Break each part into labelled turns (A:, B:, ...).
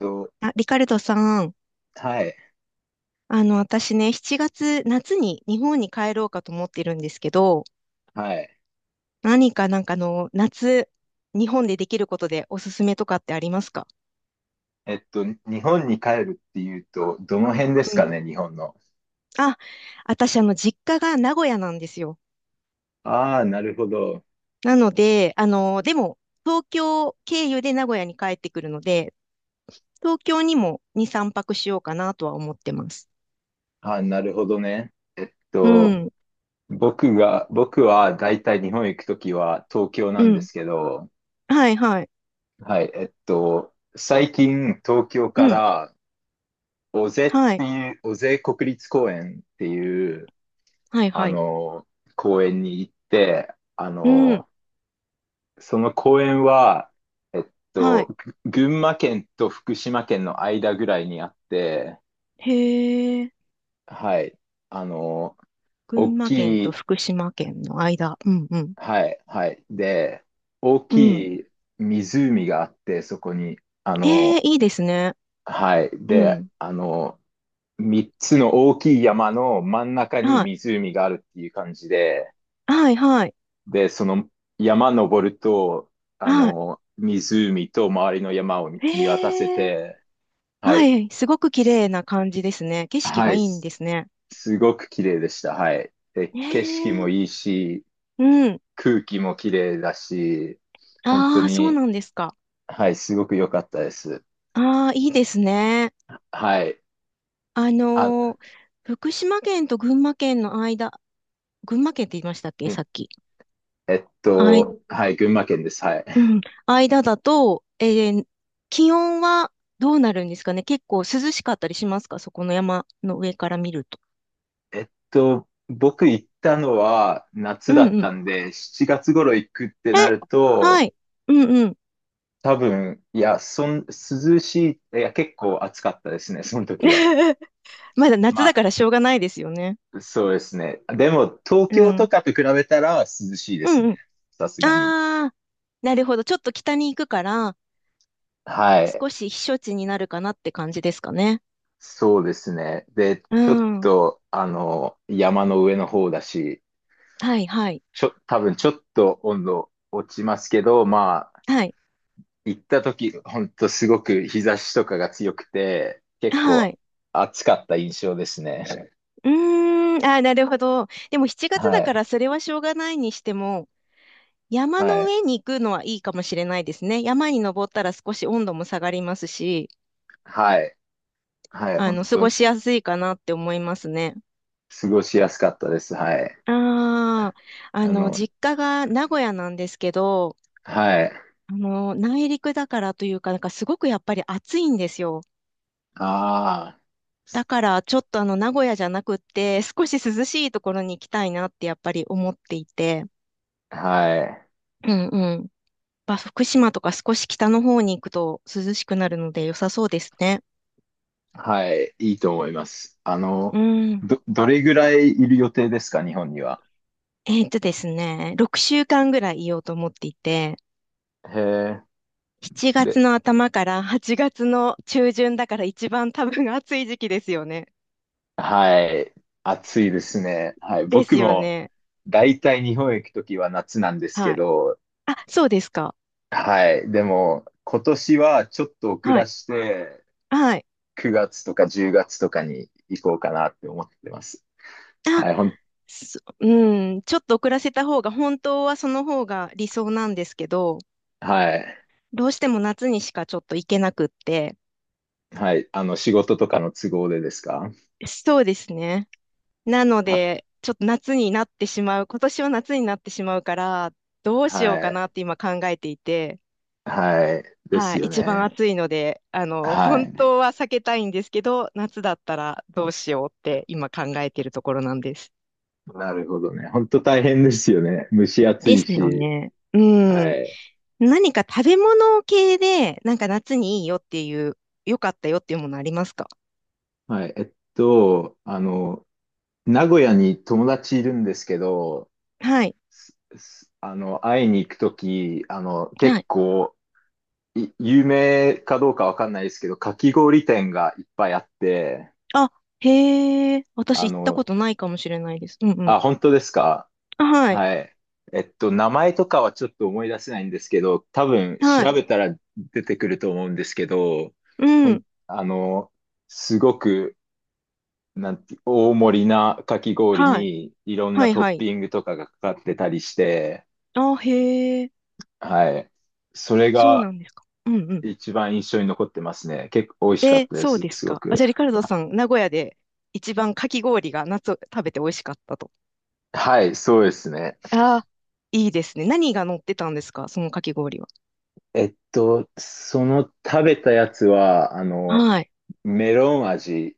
A: と、
B: あ、リカルドさん、
A: はい、
B: 私ね、7月、夏に日本に帰ろうかと思ってるんですけど、
A: はい。
B: 何かなんかあの、夏、日本でできることでおすすめとかってありますか？
A: 日本に帰るっていうと、どの辺です
B: う
A: か
B: ん。
A: ね、日本の。
B: あ、私実家が名古屋なんですよ。
A: ああ、なるほど。
B: なので、あの、でも、東京経由で名古屋に帰ってくるので、東京にも2、3泊しようかなとは思ってます。
A: ああ、なるほどね。
B: うん、
A: 僕はだいたい日本行くときは東京な
B: う
A: んで
B: ん。
A: すけど、
B: はい、はい。
A: はい、最近東京
B: う
A: か
B: ん、
A: ら尾瀬っ
B: はい、
A: 尾瀬国立公園っていう、
B: はい、
A: あ
B: はい。
A: の、公園に行って、
B: うん、
A: その公園は、えっ
B: は
A: と、
B: い。
A: 群馬県と福島県の間ぐらいにあって、
B: へ、
A: はい。あの、
B: 群
A: 大
B: 馬県
A: き
B: と
A: い、
B: 福島県の間。うんうん。
A: はい、はい。で、大
B: うん。
A: きい湖があって、そこに、あ
B: ええ、
A: の、
B: いいですね。
A: はい。
B: う
A: で、
B: ん。
A: 3つの大きい山の真ん中に
B: はい。
A: 湖があるっていう感じで、
B: はい、はい。
A: で、その山登ると、
B: は
A: 湖と周りの山を見
B: い。
A: 見渡せ
B: ええ、
A: て、は
B: は
A: い。
B: い。すごく綺
A: す
B: 麗な感じですね。景色
A: は
B: がい
A: い、
B: いんですね。
A: すごく綺麗でした。はい。で、
B: え
A: 景色も
B: え、
A: いいし、
B: うん。
A: 空気も綺麗だし、本当
B: ああ、そうな
A: に、
B: んですか。
A: はい、すごく良かったです。
B: ああ、いいですね。
A: はい。
B: あ
A: あ、
B: のー福島県と群馬県の間、群馬県って言いましたっけ、
A: え
B: さっき。あ、
A: はい、群馬県です。はい。
B: うん、間だと、気温はどうなるんですかね？結構涼しかったりしますか、そこの山の上から見ると？
A: 僕行ったのは
B: う
A: 夏だ
B: ん
A: っ
B: うん。
A: たんで、7月頃行くって
B: え、
A: なる
B: は
A: と、
B: い。うんうん。
A: 多分、いや、そん、涼しい、いや、結構暑かったですね、その時は。
B: まだ夏
A: ま
B: だからしょうがないですよね。
A: そうですね。でも、東
B: う
A: 京と
B: ん。
A: かと比べたら涼しいで
B: う
A: す
B: んう
A: ね。
B: ん。
A: さすがに。
B: ああ、なるほど。ちょっと北に行くから、
A: はい。
B: 少し避暑地になるかなって感じですかね。
A: そうですね。で、
B: う
A: ちょっ
B: ん。
A: と、山の上の方だし、
B: はいはい。
A: 多分ちょっと温度落ちますけど、まあ、
B: はい。
A: 行った時、ほんとすごく日差しとかが強くて、結
B: は
A: 構
B: い。
A: 暑かった印象ですね。
B: うーん。ああ、なるほど。でも7月
A: は
B: だか
A: い。
B: らそれはしょうがないにしても、山
A: は
B: の
A: い。
B: 上に行くのはいいかもしれないですね。山に登ったら少し温度も下がりますし、
A: はい。はい。本
B: 過
A: 当
B: ごしやすいかなって思いますね。
A: 過ごしやすかったです。はい。
B: ああ、あ
A: あ
B: の、
A: の、
B: 実家が名古屋なんですけど、
A: はい。
B: あの、内陸だからというか、なんかすごくやっぱり暑いんですよ。
A: ああ。
B: だから、ちょっとあの、名古屋じゃなくって、少し涼しいところに行きたいなってやっぱり思っていて、
A: はい。
B: うんうん。まあ、福島とか少し北の方に行くと涼しくなるので良さそうですね。
A: はい。いいと思います。
B: うん。
A: どれぐらいいる予定ですか、日本には？
B: ですね、6週間ぐらいいようと思っていて、
A: へえ。
B: 7月
A: で、
B: の頭から8月の中旬だから一番多分暑い時期ですよね。
A: はい。暑いですね。はい。
B: です
A: 僕
B: よ
A: も、
B: ね。
A: だいたい日本へ行くときは夏なんです
B: は
A: け
B: い。
A: ど、
B: あ、そうですか。
A: はい。でも、今年はちょっと遅
B: は
A: ら
B: い。
A: して、
B: はい。
A: 9月とか10月とかに行こうかなって思ってます。
B: あ、
A: はい。
B: そうん、ちょっと遅らせた方が、本当はその方が理想なんですけど、
A: はい。
B: どうしても夏にしかちょっと行けなくって、
A: はい。仕事とかの都合でですか？
B: そうですね。なの
A: は、
B: で、ちょっと夏になってしまう、今年は夏になってしまうから、どうしよう
A: は
B: かな
A: い。
B: って今考えていて、
A: はい。で
B: は
A: す
B: い、
A: よ
B: 一番
A: ね。
B: 暑いので、あの、
A: は
B: 本
A: い。
B: 当は避けたいんですけど、夏だったらどうしようって今考えてるところなんです。
A: なるほどね。本当大変ですよね。蒸し暑
B: で
A: い
B: すよ
A: し。
B: ね。う
A: は
B: ん。
A: い。
B: 何か食べ物系で、なんか夏にいいよっていう、良かったよっていうものありますか？
A: はい。名古屋に友達いるんですけど、
B: はい。
A: すすあの、会いに行くとき、
B: は
A: 結
B: い。
A: 構、有名かどうかわかんないですけど、かき氷店がいっぱいあって、
B: あ、へえ。私
A: あ
B: 行ったこ
A: の、
B: とないかもしれないです。うんうん。
A: あ、本当ですか？
B: あ、はい。
A: はい。名前とかはちょっと思い出せないんですけど、多分
B: は
A: 調
B: い。
A: べたら出てくると思うんですけど、
B: う
A: ほん、
B: ん。
A: あの、すごく、なんて、大盛りなかき氷
B: はい。
A: にいろん
B: は
A: な
B: い
A: ト
B: は
A: ッ
B: い。
A: ピングとかがかかってたりして、
B: あ、へえ。
A: はい。それ
B: そうな
A: が
B: んですか。うん。
A: 一番印象に残ってますね。結構美味しかっ
B: え、
A: たで
B: そう
A: す、
B: です
A: すご
B: か。あ、
A: く。
B: じゃあ、リカルド
A: あ
B: さん、名古屋で一番かき氷が夏食べて美味しかったと。
A: はい、そうですね。
B: ああ、いいですね。何が乗ってたんですか、そのかき氷は？
A: その食べたやつは、
B: はい。
A: メロン味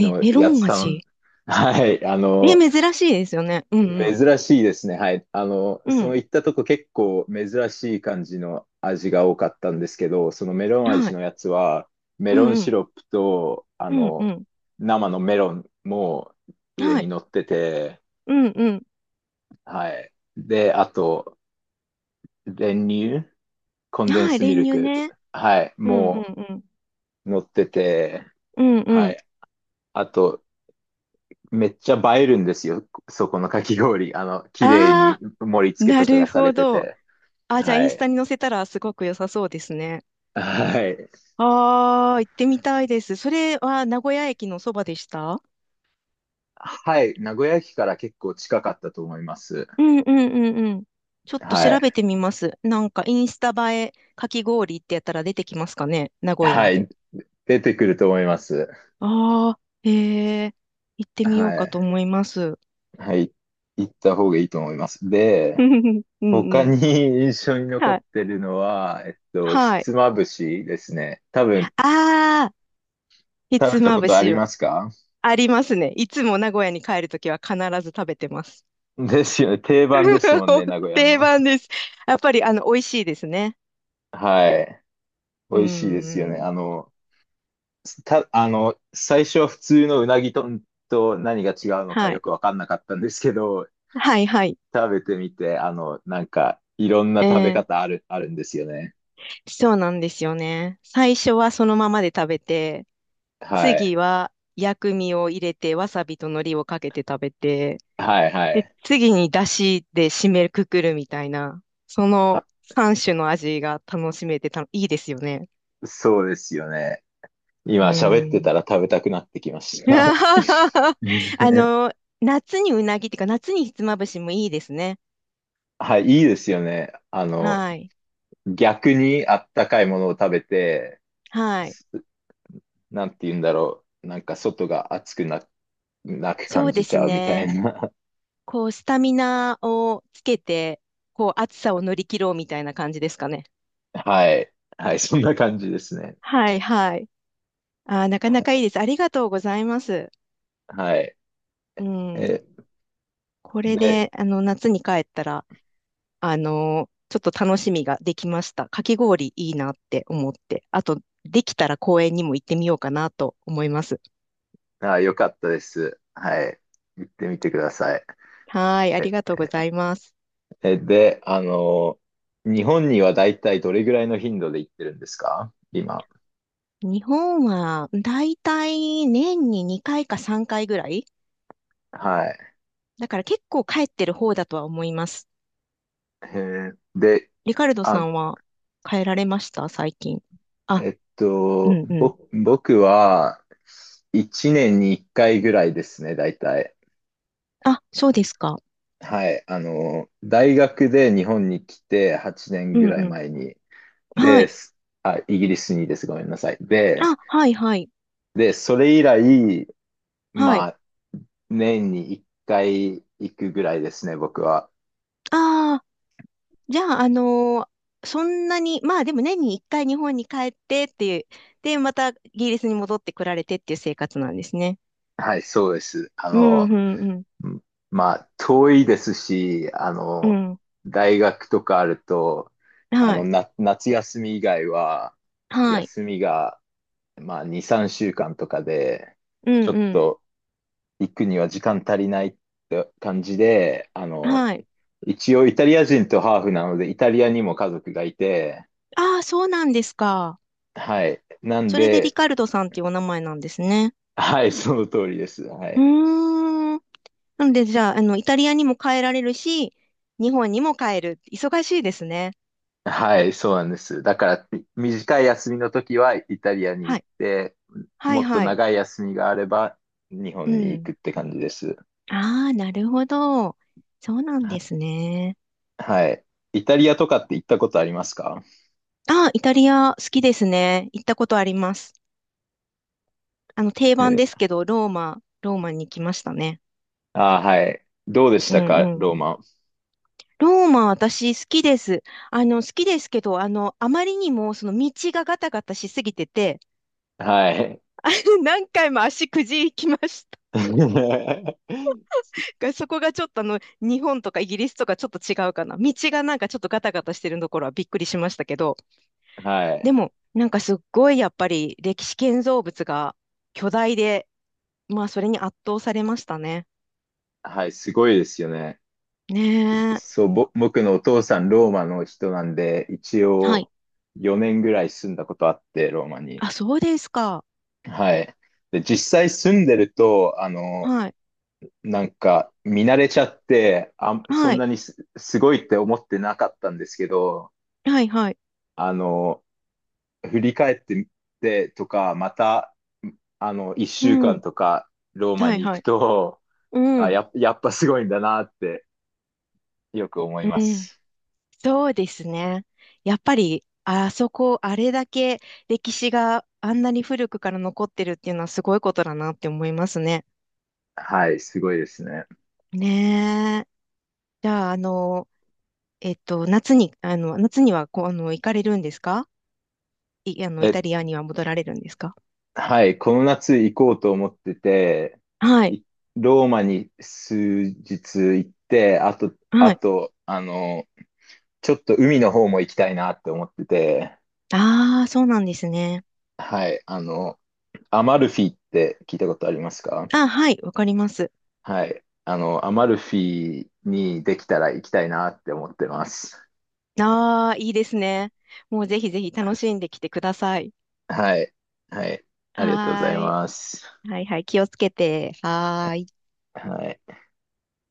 B: え、メロ
A: や
B: ン
A: つ
B: 味。
A: はい、
B: え、珍しいですよね。うん
A: 珍しいですね。はい。
B: うん。う
A: その
B: ん。
A: 行ったとこ結構珍しい感じの味が多かったんですけど、そのメロン
B: は
A: 味
B: い。
A: のやつは、メ
B: う
A: ロン
B: んう
A: シ
B: ん。
A: ロップと、
B: うんうん。
A: 生のメロンも上
B: は
A: に
B: い。
A: 乗ってて、
B: うんうん。
A: はい。で、あと、練乳、コンデン
B: はい。
A: スミ
B: 練
A: ル
B: 乳
A: ク、
B: ね。
A: はい。
B: うんう
A: もう、
B: んうん。
A: 乗ってて、
B: うんう
A: は
B: ん。
A: い。あと、めっちゃ映えるんですよ。そこのかき氷。綺麗に
B: あ
A: 盛り
B: あ、
A: 付け
B: な
A: とか
B: る
A: がさ
B: ほ
A: れて
B: ど。
A: て。
B: あ、じゃあ、
A: は
B: インスタ
A: い。
B: に載せたらすごく良さそうですね。
A: はい。
B: ああ、行ってみたいです。それは名古屋駅のそばでした？
A: はい。名古屋駅から結構近かったと思います。
B: うんうんうんうん。ちょっと
A: は
B: 調べ
A: い。
B: てみます。なんかインスタ映えかき氷ってやったら出てきますかね、名古屋
A: は
B: で？
A: い。出てくると思います。
B: ああ、へえ、行ってみよう
A: は
B: かと
A: い。
B: 思います。
A: はい。行った方がいいと思います。で、
B: う
A: 他
B: んうん。
A: に 印象に残
B: は
A: っ
B: い。
A: てるのは、ひ
B: はい。
A: つまぶしですね。多分、
B: ああ、ひ
A: 食
B: つ
A: べた
B: ま
A: こ
B: ぶ
A: とあ
B: し
A: り
B: は？
A: ますか？
B: ありますね。いつも名古屋に帰るときは必ず食べてます。
A: ですよね。定番ですもんね、名古屋
B: 定
A: の。
B: 番です。やっぱり美味しいですね。
A: はい。美
B: う
A: 味しいですよ
B: ん
A: ね。
B: うん。
A: 最初は普通のうなぎ丼と何が違うのか
B: は
A: よ
B: い。
A: くわかんなかったんですけど、
B: はいはい。
A: 食べてみて、なんか、いろん
B: え
A: な食べ
B: ー
A: 方あるんですよね。
B: そうなんですよね。最初はそのままで食べて、
A: はい。
B: 次は薬味を入れて、わさびと海苔をかけて食べて、
A: はい、は
B: で、
A: い。
B: 次に出汁で締めくくるみたいな、そ
A: あ、
B: の3種の味が楽しめてた、いいですよね。
A: そうですよね。
B: う
A: 今喋ってた
B: ん。
A: ら食べたくなってきました。
B: あ の、夏にうなぎっていうか、夏にひつまぶしもいいですね。
A: はい、いいですよね。
B: はい。
A: 逆にあったかいものを食べて、
B: はい。
A: なんて言うんだろう。なんか外が暑くなく
B: そ
A: 感
B: うで
A: じち
B: す
A: ゃうみたい
B: ね。
A: な。
B: こう、スタミナをつけて、こう、暑さを乗り切ろうみたいな感じですかね。
A: はい。はい、そんな感じですね。
B: はいはい。あー、なかなかいいです。ありがとうございます。
A: はい。
B: うん。
A: え、
B: これ
A: で、
B: で、あの、夏に帰ったら、あの、ちょっと楽しみができました。かき氷いいなって思って。あと、できたら公園にも行ってみようかなと思います。
A: あ、よかったです。はい。行ってみてください。
B: はい、あり
A: え、
B: がとうございます。
A: で、日本にはだいたいどれぐらいの頻度で行ってるんですか、今？
B: 日本は、だいたい年に2回か3回ぐらい
A: はい。
B: だから結構帰ってる方だとは思います。
A: えで、
B: リカルドさ
A: あ、
B: んは帰られました最近？あ、うんうん。
A: 僕は1年に1回ぐらいですね、だいたい。
B: あ、そうですか。
A: はい、大学で日本に来て8
B: う
A: 年
B: ん
A: ぐらい
B: うん、
A: 前に、
B: は
A: で、
B: い。
A: イギリスにです、ごめんなさい。で、
B: あ、はい、はい、
A: それ以来、
B: は
A: ま
B: い。
A: あ、年に1回行くぐらいですね、僕は。
B: ああ、じゃあ、そんなに、まあでも年に一回日本に帰ってっていう、で、またイギリスに戻ってこられてっていう生活なんですね。
A: はい、そうです。
B: うん、うん、うん、
A: うん遠いですし、
B: うん。
A: 大学とかあると、
B: はい、
A: 夏休み以外は、
B: はい、
A: 休みが、まあ、2、3週間とかで、
B: うん、
A: ちょっ
B: うん、
A: と行くには時間足りないって感じで、
B: はい。
A: 一応イタリア人とハーフなので、イタリアにも家族がいて、
B: ああ、そうなんですか。
A: はい。なん
B: それでリ
A: で、
B: カルドさんっていうお名前なんですね。
A: はい、その通りです。は
B: う
A: い。
B: ーん。なので、じゃあ、あの、イタリアにも帰られるし、日本にも帰る。忙しいですね。
A: はい、そうなんです。だから、短い休みの時はイタリアに
B: は
A: 行っ
B: い、
A: て、
B: はい、
A: もっと
B: はい。
A: 長い休みがあれば日
B: う
A: 本に行
B: ん。
A: くって感じです。
B: ああ、なるほど。そうなんで
A: は
B: すね。
A: はい。イタリアとかって行ったことありますか？
B: ああ、イタリア好きですね。行ったことあります。定番です
A: え
B: けど、ローマ、ローマに来ましたね。
A: あー、はい。どうでし
B: う
A: たか、
B: んうん。
A: ローマ。
B: ローマ、私好きです。あの、好きですけど、あの、あまりにも、その道がガタガタしすぎてて、
A: はい。
B: 何回も足くじきました。そこがちょっとあの、日本とかイギリスとかちょっと違うかな。道がなんかちょっとガタガタしてるところはびっくりしましたけど、
A: は
B: で
A: い。
B: も、なんかすっごいやっぱり歴史建造物が巨大で、まあそれに圧倒されましたね。
A: はい、すごいですよね。
B: ねえ。
A: そう、僕のお父さん、ローマの人なんで、一
B: はい。
A: 応4年ぐらい住んだことあって、ローマに。
B: あ、そうですか。
A: はい。で、実際住んでると、
B: はい。
A: なんか見慣れちゃって、あ、そ
B: は
A: ん
B: い。
A: なにすごいって思ってなかったんですけど、
B: はい、はい。
A: あの、振り返ってみてとか、また、一
B: う
A: 週間
B: ん。
A: とかローマ
B: はい、
A: に行
B: は
A: く
B: い。
A: と、
B: う
A: あ、
B: ん。
A: やっぱすごいんだなってよく思い
B: う
A: ま
B: ん。
A: す。
B: そうですね。やっぱり、あそこ、あれだけ歴史があんなに古くから残ってるっていうのはすごいことだなって思いますね。
A: はい、すごいですね。
B: ねえ。じゃあ、あの、えっと、夏に、あの、夏にはこう、あの、行かれるんですか？い、あの、イ
A: えっ
B: タリアには戻られるんですか？
A: はい、この夏行こうと思ってて、
B: はい。
A: いローマに数日行って、あと、
B: は
A: あ
B: い。
A: と、ちょっと海の方も行きたいなって思ってて、
B: ああ、そうなんですね。
A: はい、アマルフィって聞いたことありますか？
B: あ、はい。わかります。
A: はい、アマルフィにできたら行きたいなって思ってます。
B: ああ、いいですね。もうぜひぜひ楽しんできてください。
A: はい、はい、ありがとうご
B: は
A: ざい
B: ーい。
A: ます。
B: はいはい。気をつけて。はーい。
A: はい。